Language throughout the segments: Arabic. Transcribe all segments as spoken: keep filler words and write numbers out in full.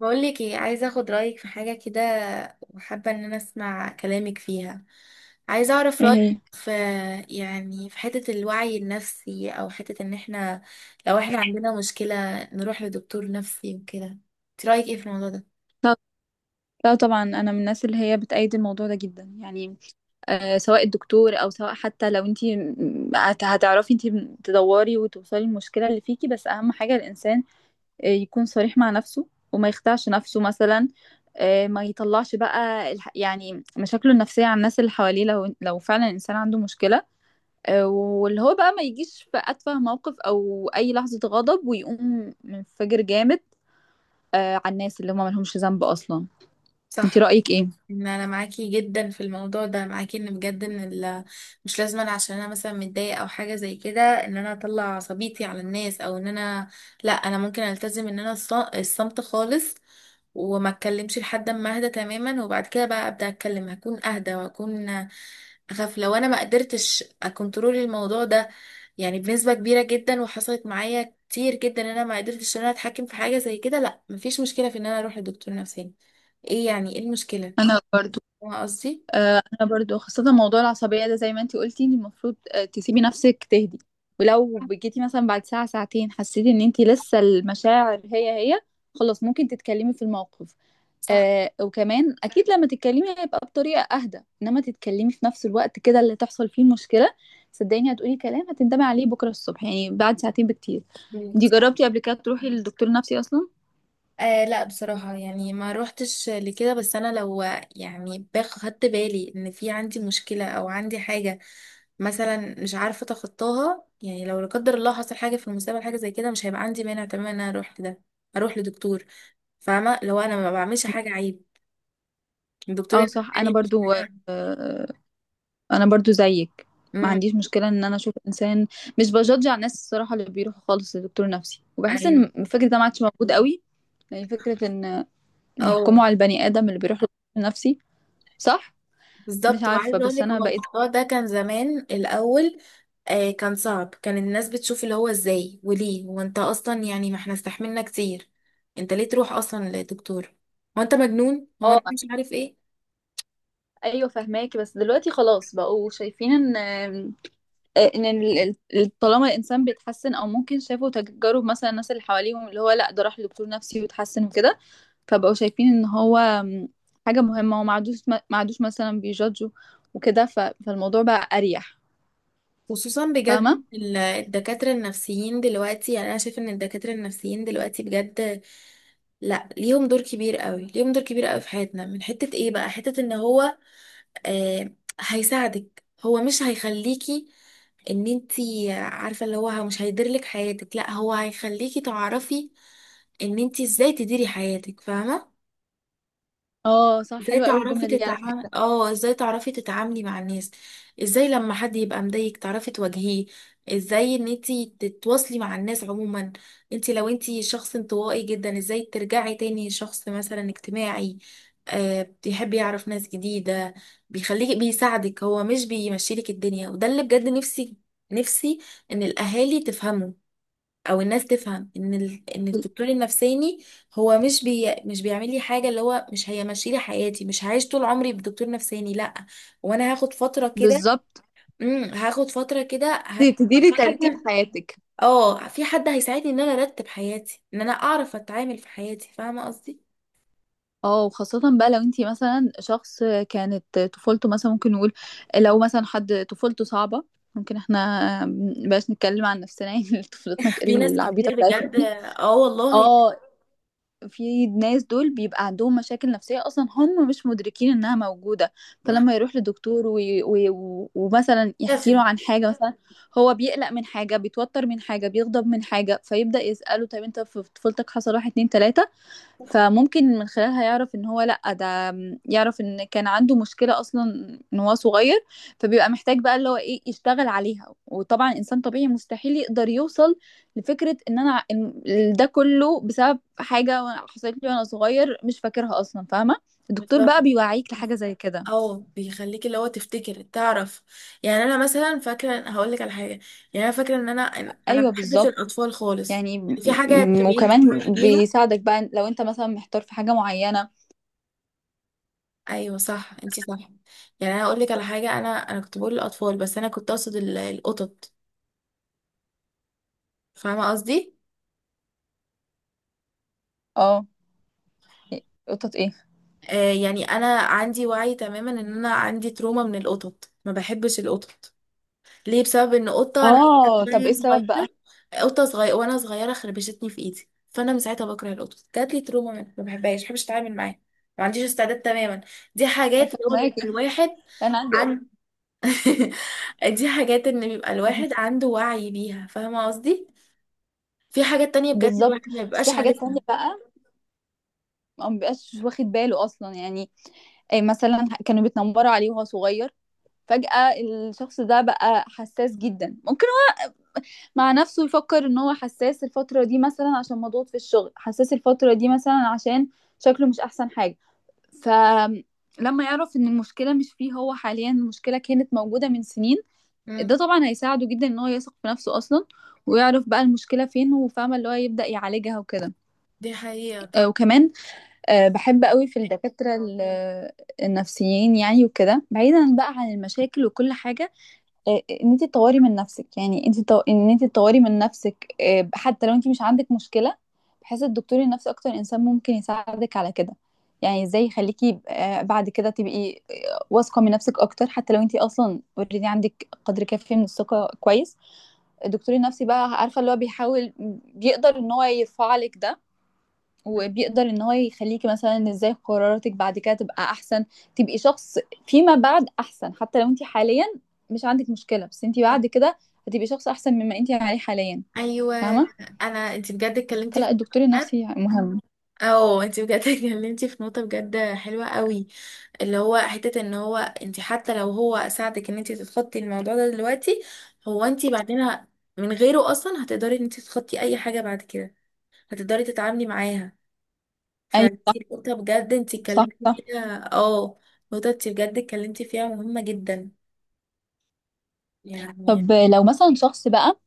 بقول لك ايه، عايزه اخد رايك في حاجه كده، وحابه ان انا اسمع كلامك فيها. عايزه اعرف ايه رايك هي؟ في، يعني في حته الوعي النفسي، او حته ان احنا لو احنا عندنا مشكله نروح لدكتور نفسي وكده. انت رايك ايه في الموضوع ده؟ لا، لا طبعا، انا من الناس اللي هي بتأيد الموضوع ده جدا يعني. آه سواء الدكتور او سواء حتى لو انت هتعرفي انت تدوري وتوصلي المشكله اللي فيكي. بس اهم حاجه الانسان آه، يكون صريح مع نفسه وما يخدعش نفسه مثلا. آه ما يطلعش بقى الح- يعني مشاكله النفسيه على الناس اللي حواليه، لو لو فعلا الانسان عنده مشكله. آه واللي هو بقى ما يجيش في اتفه موقف او اي لحظه غضب ويقوم منفجر جامد آه على الناس اللي هم ملهمش ذنب اصلا. انت صح. رأيك ايه؟ ان انا معاكي جدا في الموضوع ده، معاكي ان بجد ان ال- مش لازم أنا عشان انا مثلا متضايقه او حاجه زي كده ان انا اطلع عصبيتي على الناس، او ان انا، لا انا ممكن التزم ان انا الص- الصمت خالص، وما اتكلمش لحد ما اهدى تماما، وبعد كده بقى ابدا اتكلم، هكون اهدى وهكون. اخاف لو انا ما قدرتش اكنترول الموضوع ده يعني بنسبه كبيره جدا، وحصلت معايا كتير جدا ان انا ما قدرتش ان انا اتحكم في حاجه زي كده. لا مفيش مشكله في ان انا اروح لدكتور نفساني. ايه يعني ايه المشكله؟ انا برضو. فاهمة قصدي؟ آه، انا برضو خاصه موضوع العصبيه ده زي ما انتي قلتي انت المفروض آه، تسيبي نفسك تهدي. ولو صح. جيتي مثلا بعد ساعه ساعتين حسيتي ان انتي لسه المشاعر هي هي، خلاص ممكن تتكلمي في الموقف. آه وكمان اكيد لما تتكلمي هيبقى بطريقه اهدى، انما تتكلمي في نفس الوقت كده اللي تحصل فيه مشكله، صدقيني هتقولي كلام هتندمي عليه بكره الصبح، يعني بعد ساعتين بكتير. انتي صح. جربتي قبل كده تروحي للدكتور النفسي اصلا؟ آه لا بصراحة يعني ما روحتش لكده، بس أنا لو يعني باخ- خدت بالي إن في عندي مشكلة أو عندي حاجة مثلا مش عارفة أتخطاها، يعني لو لا قدر الله حصل حاجة في المستقبل حاجة زي كده، مش هيبقى عندي مانع تماما إن أنا أروح لده، أروح لدكتور. فاهمة؟ لو أنا ما بعملش حاجة عيب الدكتور اه يقول صح، انا لي مش برضو. حاجة- آه، انا برضو زيك. ما أمم، عنديش مشكله ان انا اشوف انسان، مش بجدج على الناس الصراحه اللي بيروحوا خالص لدكتور نفسي، وبحس ان أيوه. الفكره ده ما عادش موجود قوي. يعني فكره ان أو يحكموا على البني ادم اللي بيروح لدكتور نفسي، صح. مش بالظبط. عارفه وعايزة بس أقولك انا هو بقيت. الموضوع ده كان زمان الأول آه كان صعب، كان الناس بتشوف اللي هو ازاي وليه هو انت اصلا، يعني ما احنا استحملنا كتير، انت ليه تروح اصلا لدكتور؟ هو انت مجنون؟ هو اه انت مش عارف ايه؟ ايوه فهماكي. بس دلوقتي خلاص بقوا شايفين ان آه، ان ال- ال- طالما الانسان بيتحسن، او ممكن شافوا تجارب مثلا الناس اللي حواليهم اللي هو لا ده راح لدكتور نفسي وتحسن وكده. فبقوا شايفين ان هو م، حاجه مهمه، وما عادوش ما عادوش مثلا بيجادجوا وكده ف- فالموضوع بقى اريح. خصوصا فاهمه. بجد ال- الدكاترة النفسيين دلوقتي، يعني انا شايف ان الدكاترة النفسيين دلوقتي بجد لا ليهم دور كبير قوي، ليهم دور كبير قوي في حياتنا، من حتة ايه بقى؟ حتة ان هو آه، هيساعدك، هو مش هيخليكي ان انتي عارفة اللي هو مش هيديرلك حياتك، لا هو هيخليكي تعرفي ان انتي ازاي تديري حياتك. فاهمة؟ اه صح ازاي حلوه قوي تعرفي الجمله دي على تتعاملي، فكره. اه ازاي تعرفي تتعاملي مع الناس، ازاي لما حد يبقى مضايقك تعرفي تواجهيه، ازاي ان انتي تتواصلي مع الناس عموما، انتي لو انتي شخص انطوائي جدا ازاي ترجعي تاني شخص مثلا اجتماعي آه بيحب يعرف ناس جديدة. بيخليك، بيساعدك، هو مش بيمشيلك الدنيا، وده اللي بجد نفسي نفسي ان الاهالي تفهمه، او الناس تفهم ان ال... ان الدكتور النفساني هو مش بي... مش بيعمل لي حاجه، اللي هو مش هيمشي لي حياتي، مش هعيش طول عمري بدكتور نفساني لا. وانا هاخد فتره كده، بالظبط. امم هاخد فتره كده ه... ت- تديري ترتيب حد، حياتك. اه في حد هيساعدني ان انا ارتب حياتي، ان انا اعرف اتعامل في حياتي. فاهمه قصدي؟ اه وخاصة بقى لو انتي مثلا شخص كانت طفولته مثلا، ممكن نقول لو مثلا حد طفولته صعبة. ممكن احنا مبقاش نتكلم عن نفسنا يعني طفولتنا في ناس العبيطة كتير بتاعتنا بجد. دي. اه والله. اه في ناس دول بيبقى عندهم مشاكل نفسية اصلا هم مش مدركين انها موجودة. صح. فلما يروح لدكتور وي... وي... ومثلا يحكي بتكتسب. له عن حاجة مثلا هو بيقلق من حاجة، بيتوتر من حاجة، بيغضب من حاجة، فيبدأ يسأله طب انت في طفولتك حصل واحد، اتنين، تلاتة. فممكن من خلالها يعرف ان هو لأ ده يعرف ان كان عنده مشكلة اصلا ان هو صغير. فبيبقى محتاج بقى اللي هو ايه يشتغل عليها. وطبعا انسان طبيعي مستحيل يقدر يوصل لفكرة ان انا إن ده كله بسبب حاجة وأنا- حصلت لي وانا صغير مش فاكرها اصلا، فاهمة. الدكتور بقى بالظبط. بيوعيك لحاجة زي كده. اه بيخليك اللي هو تفتكر تعرف، يعني انا مثلا فاكره هقول لك على حاجه، يعني انا فاكره ان انا انا ما ايوه بحبش بالظبط. الاطفال خالص، يعني م- يعني في حاجه م- بتبقي انت وكمان شويه بيها. بيساعدك بقى لو انت مثلا محتار في حاجة معينة. ايوه صح انت صح. يعني انا هقول لك على حاجه، انا انا كنت بقول الاطفال بس انا كنت اقصد ال- القطط. فاهمه قصدي؟ اه قطط ايه؟ آه يعني انا عندي وعي تماما ان انا عندي تروما من القطط، ما بحبش القطط. ليه؟ بسبب ان قطه انا اه طب ايه وأنا السبب بقى؟ صغيره، قطه صغيره وانا صغيره خربشتني في ايدي، فانا من ساعتها بكره القطط، جات لي تروما منها، ما بحبهاش، ما بحبش اتعامل معاها، ما عنديش استعداد تماما. دي حاجات اللي هو بيبقى فهماكي. الواحد انا عندي قط. عن، دي حاجات ان بيبقى الواحد عنده وعي بيها. فاهمه قصدي؟ في حاجات تانية بجد بالظبط. الواحد ما بس في بيبقاش حاجات عارفها. تانية بقى ما بيبقاش واخد باله اصلا يعني. أي مثلا كانوا بيتنمروا عليه وهو صغير، فجأة الشخص ده بقى حساس جدا. ممكن هو مع نفسه يفكر ان هو حساس الفترة دي مثلا عشان مضغوط في الشغل، حساس الفترة دي مثلا عشان شكله مش احسن حاجة. فلما يعرف ان المشكلة مش فيه هو حاليا، المشكلة كانت موجودة من سنين، ده امم طبعا هيساعده جدا ان هو يثق في نفسه اصلا، ويعرف بقى المشكلة فين وفاهمة اللي هو يبدأ يعالجها وكده. دي حقيقه. آه، طب وكمان آه، بحب قوي في الدكاترة ال- النفسيين يعني. وكده بعيدا بقى عن المشاكل وكل حاجة، آه، آه، ان انت تطوري من نفسك. يعني انت تو- ان انت تطوري من نفسك آه، حتى لو انت مش عندك مشكلة، بحيث الدكتور النفسي اكتر انسان ممكن يساعدك على كده. يعني ازاي يخليكي آه، بعد كده تبقي آه، واثقة من نفسك اكتر. حتى لو انت اصلا اوريدي عندك قدر كافي من الثقة كويس، الدكتور النفسي بقى عارفة اللي هو بيحاول بيقدر ان هو يرفع لك ده. وبيقدر ان هو يخليكي مثلا ازاي قراراتك بعد كده تبقى احسن، تبقي شخص فيما بعد احسن. حتى لو انت حاليا مش عندك مشكلة، بس انت بعد كده هتبقي شخص احسن مما انت عليه حاليا، ايوه. فاهمة. انا انت بجد اتكلمتي في، فلا، الدكتور النفسي مهم. اه انت بجد اتكلمتي في نقطه بجد حلوه قوي، اللي هو حتة ان هو انت حتى لو هو ساعدك ان انت تتخطي الموضوع ده دلوقتي، هو انت بعدين ه- من غيره اصلا هتقدري ان انت تتخطي اي حاجة بعد كده، هتقدري تتعاملي معاها. ايوه صح، فدي نقطة بجد انت صح، اتكلمتي صح. فيها اه، نقطة انت بجد اتكلمتي فيها مهمة جدا. يعني طب لو مثلا شخص بقى،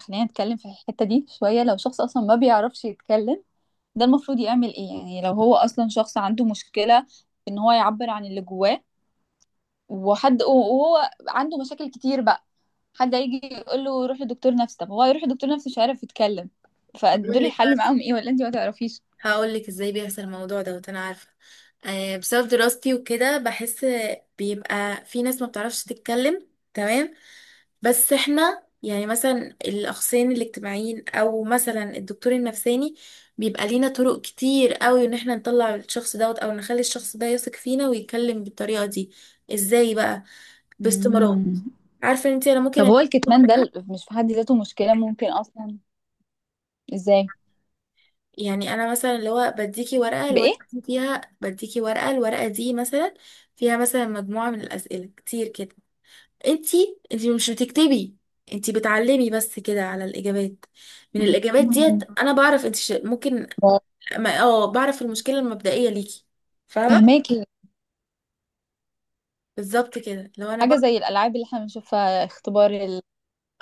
خلينا نتكلم في الحتة دي شوية. لو شخص اصلا ما بيعرفش يتكلم ده المفروض يعمل ايه؟ يعني لو هو اصلا شخص عنده مشكلة ان هو يعبر عن اللي جواه وحد وهو عنده مشاكل كتير بقى، حد هيجي يقول له روح لدكتور نفسي، طب هو يروح لدكتور نفسي مش عارف يتكلم، بقول فدول لك، الحل معاهم ايه؟ ولا انت ما تعرفيش؟ هقول لك ازاي بيحصل الموضوع دوت، انا عارفه آه بسبب دراستي وكده. بحس بيبقى في ناس ما بتعرفش تتكلم، تمام؟ بس احنا يعني مثلا الاخصائيين الاجتماعيين او مثلا الدكتور النفساني بيبقى لينا طرق كتير قوي ان احنا نطلع الشخص دوت، او نخلي الشخص ده يثق فينا ويتكلم بالطريقه دي. ازاي بقى؟ باستمرار. مم. عارفه انت انا ممكن طب هو أديك الكتمان شهر، ده ال- مش في حد ذاته مشكلة ممكن اصلا؟ ازاي؟ يعني انا مثلا اللي هو بديكي ورقه بايه؟ الورقه دي فيها، بديكي ورقه الورقه دي مثلا فيها مثلا مجموعه من الاسئله كتير كده، انتي انتي مش بتكتبي، انتي بتعلمي بس كده على الاجابات، من الاجابات ديت مم. انا بعرف انتي ش- ممكن ما- اه بعرف المشكله المبدئيه ليكي. فاهمه؟ فهماكي. بالظبط كده لو انا حاجة بعرف، زي الالعاب اللي احنا بنشوفها، اختبار ال...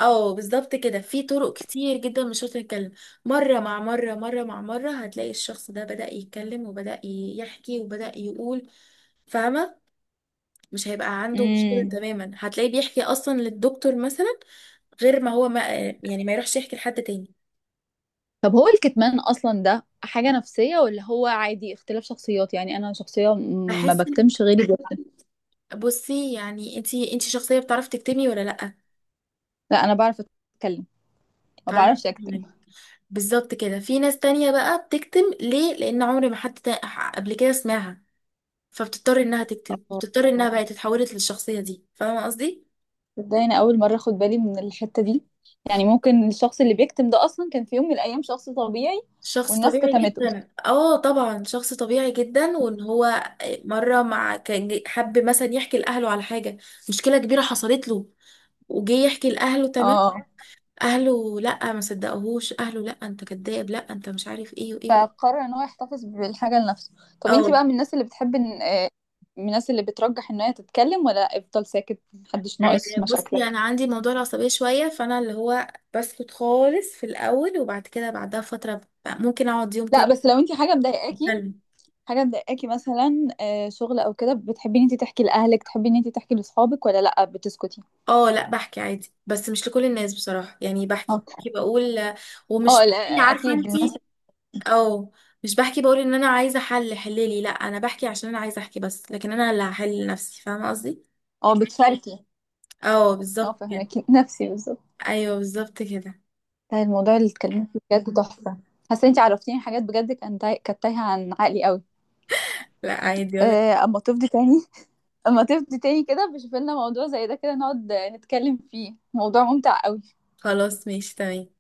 اه بالظبط كده في طرق كتير جدا مش شرط نتكلم. مره مع مره، مره مع مره هتلاقي الشخص ده بدأ يتكلم وبدأ يحكي وبدأ يقول. فاهمه؟ مش هيبقى عنده مشكلة مم. تماما، هتلاقيه بيحكي أصلا للدكتور مثلا، غير ما هو ما يعني ما يروحش يحكي لحد تاني. طب هو الكتمان اصلا ده حاجة نفسية ولا هو عادي اختلاف شخصيات؟ يعني انا شخصية م- ما بحس إن، بكتمش، غيري بيكتم. بصي يعني انتي انتي شخصية بتعرفي تكتمي ولا لأ؟ لا، انا بعرف اتكلم، ما تعرفي بعرفش اكتم. تكتمي. بالظبط كده. في ناس تانية بقى بتكتم ليه؟ لأن عمري ما حد تا- قبل كده سمعها، فبتضطر إنها تكتم، بتضطر إنها بقى تتحولت للشخصية دي. فاهمة قصدي؟ تصدقني انا اول مره اخد بالي من الحته دي. يعني ممكن الشخص اللي بيكتم ده اصلا كان في يوم من الايام شخص طبيعي شخص والناس طبيعي كتمته. جدا، اه طبعا شخص طبيعي جدا، وان هو مره مع كان جي- حب مثلا يحكي لاهله على حاجه، مشكله كبيره حصلت له وجي يحكي لاهله، تمام؟ اه. اهله لا ما صدقوهوش، اهله لا انت كذاب، لا انت مش عارف ايه وايه. فقرر ان هو يحتفظ بالحاجه لنفسه. طب او، انتي بقى من الناس اللي بتحب ان آه، من الناس اللي بترجح ان هي تتكلم، ولا افضل ساكت محدش آه، ناقص آه، بصي مشاكلك؟ انا عندي موضوع العصبيه شويه، فانا اللي هو بسكت خالص في الاول، وبعد كده بعدها فتره ب- ممكن اقعد يوم لا بس لو انتي حاجه مضايقاكي، كامل. حاجه مضايقاكي مثلا آه، شغل او كده، بتحبي ان انتي تحكي لاهلك، تحبي ان انتي تحكي لاصحابك، ولا لا بتسكتي؟ اه لا بحكي عادي بس مش لكل الناس بصراحة، يعني بحكي، اه. بحكي بقول، ومش اه لا. بحكي، عارفة اكيد الناس. انتي؟ اه مش بحكي بقول ان انا عايزة حل حللي، لا انا بحكي عشان انا عايزة احكي بس، لكن انا اللي هحل لنفسي. فاهمة قصدي؟ اه. بتشاركي. اه اه بالظبط كده. فهمك نفسي بالظبط. ايوه بالظبط كده. ده الموضوع اللي اتكلمت فيه بجد تحفة. حاسة انتي عرفتيني حاجات بجد كان تاي- كانت تايهة عن عقلي قوي. لا عادي ولا. آه، اما تفضي تاني. اما تفضي تاني كده بشوف لنا موضوع زي ده، كده نقعد نتكلم فيه، موضوع ممتع قوي. خلاص ماشي تمام.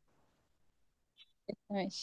ماشي.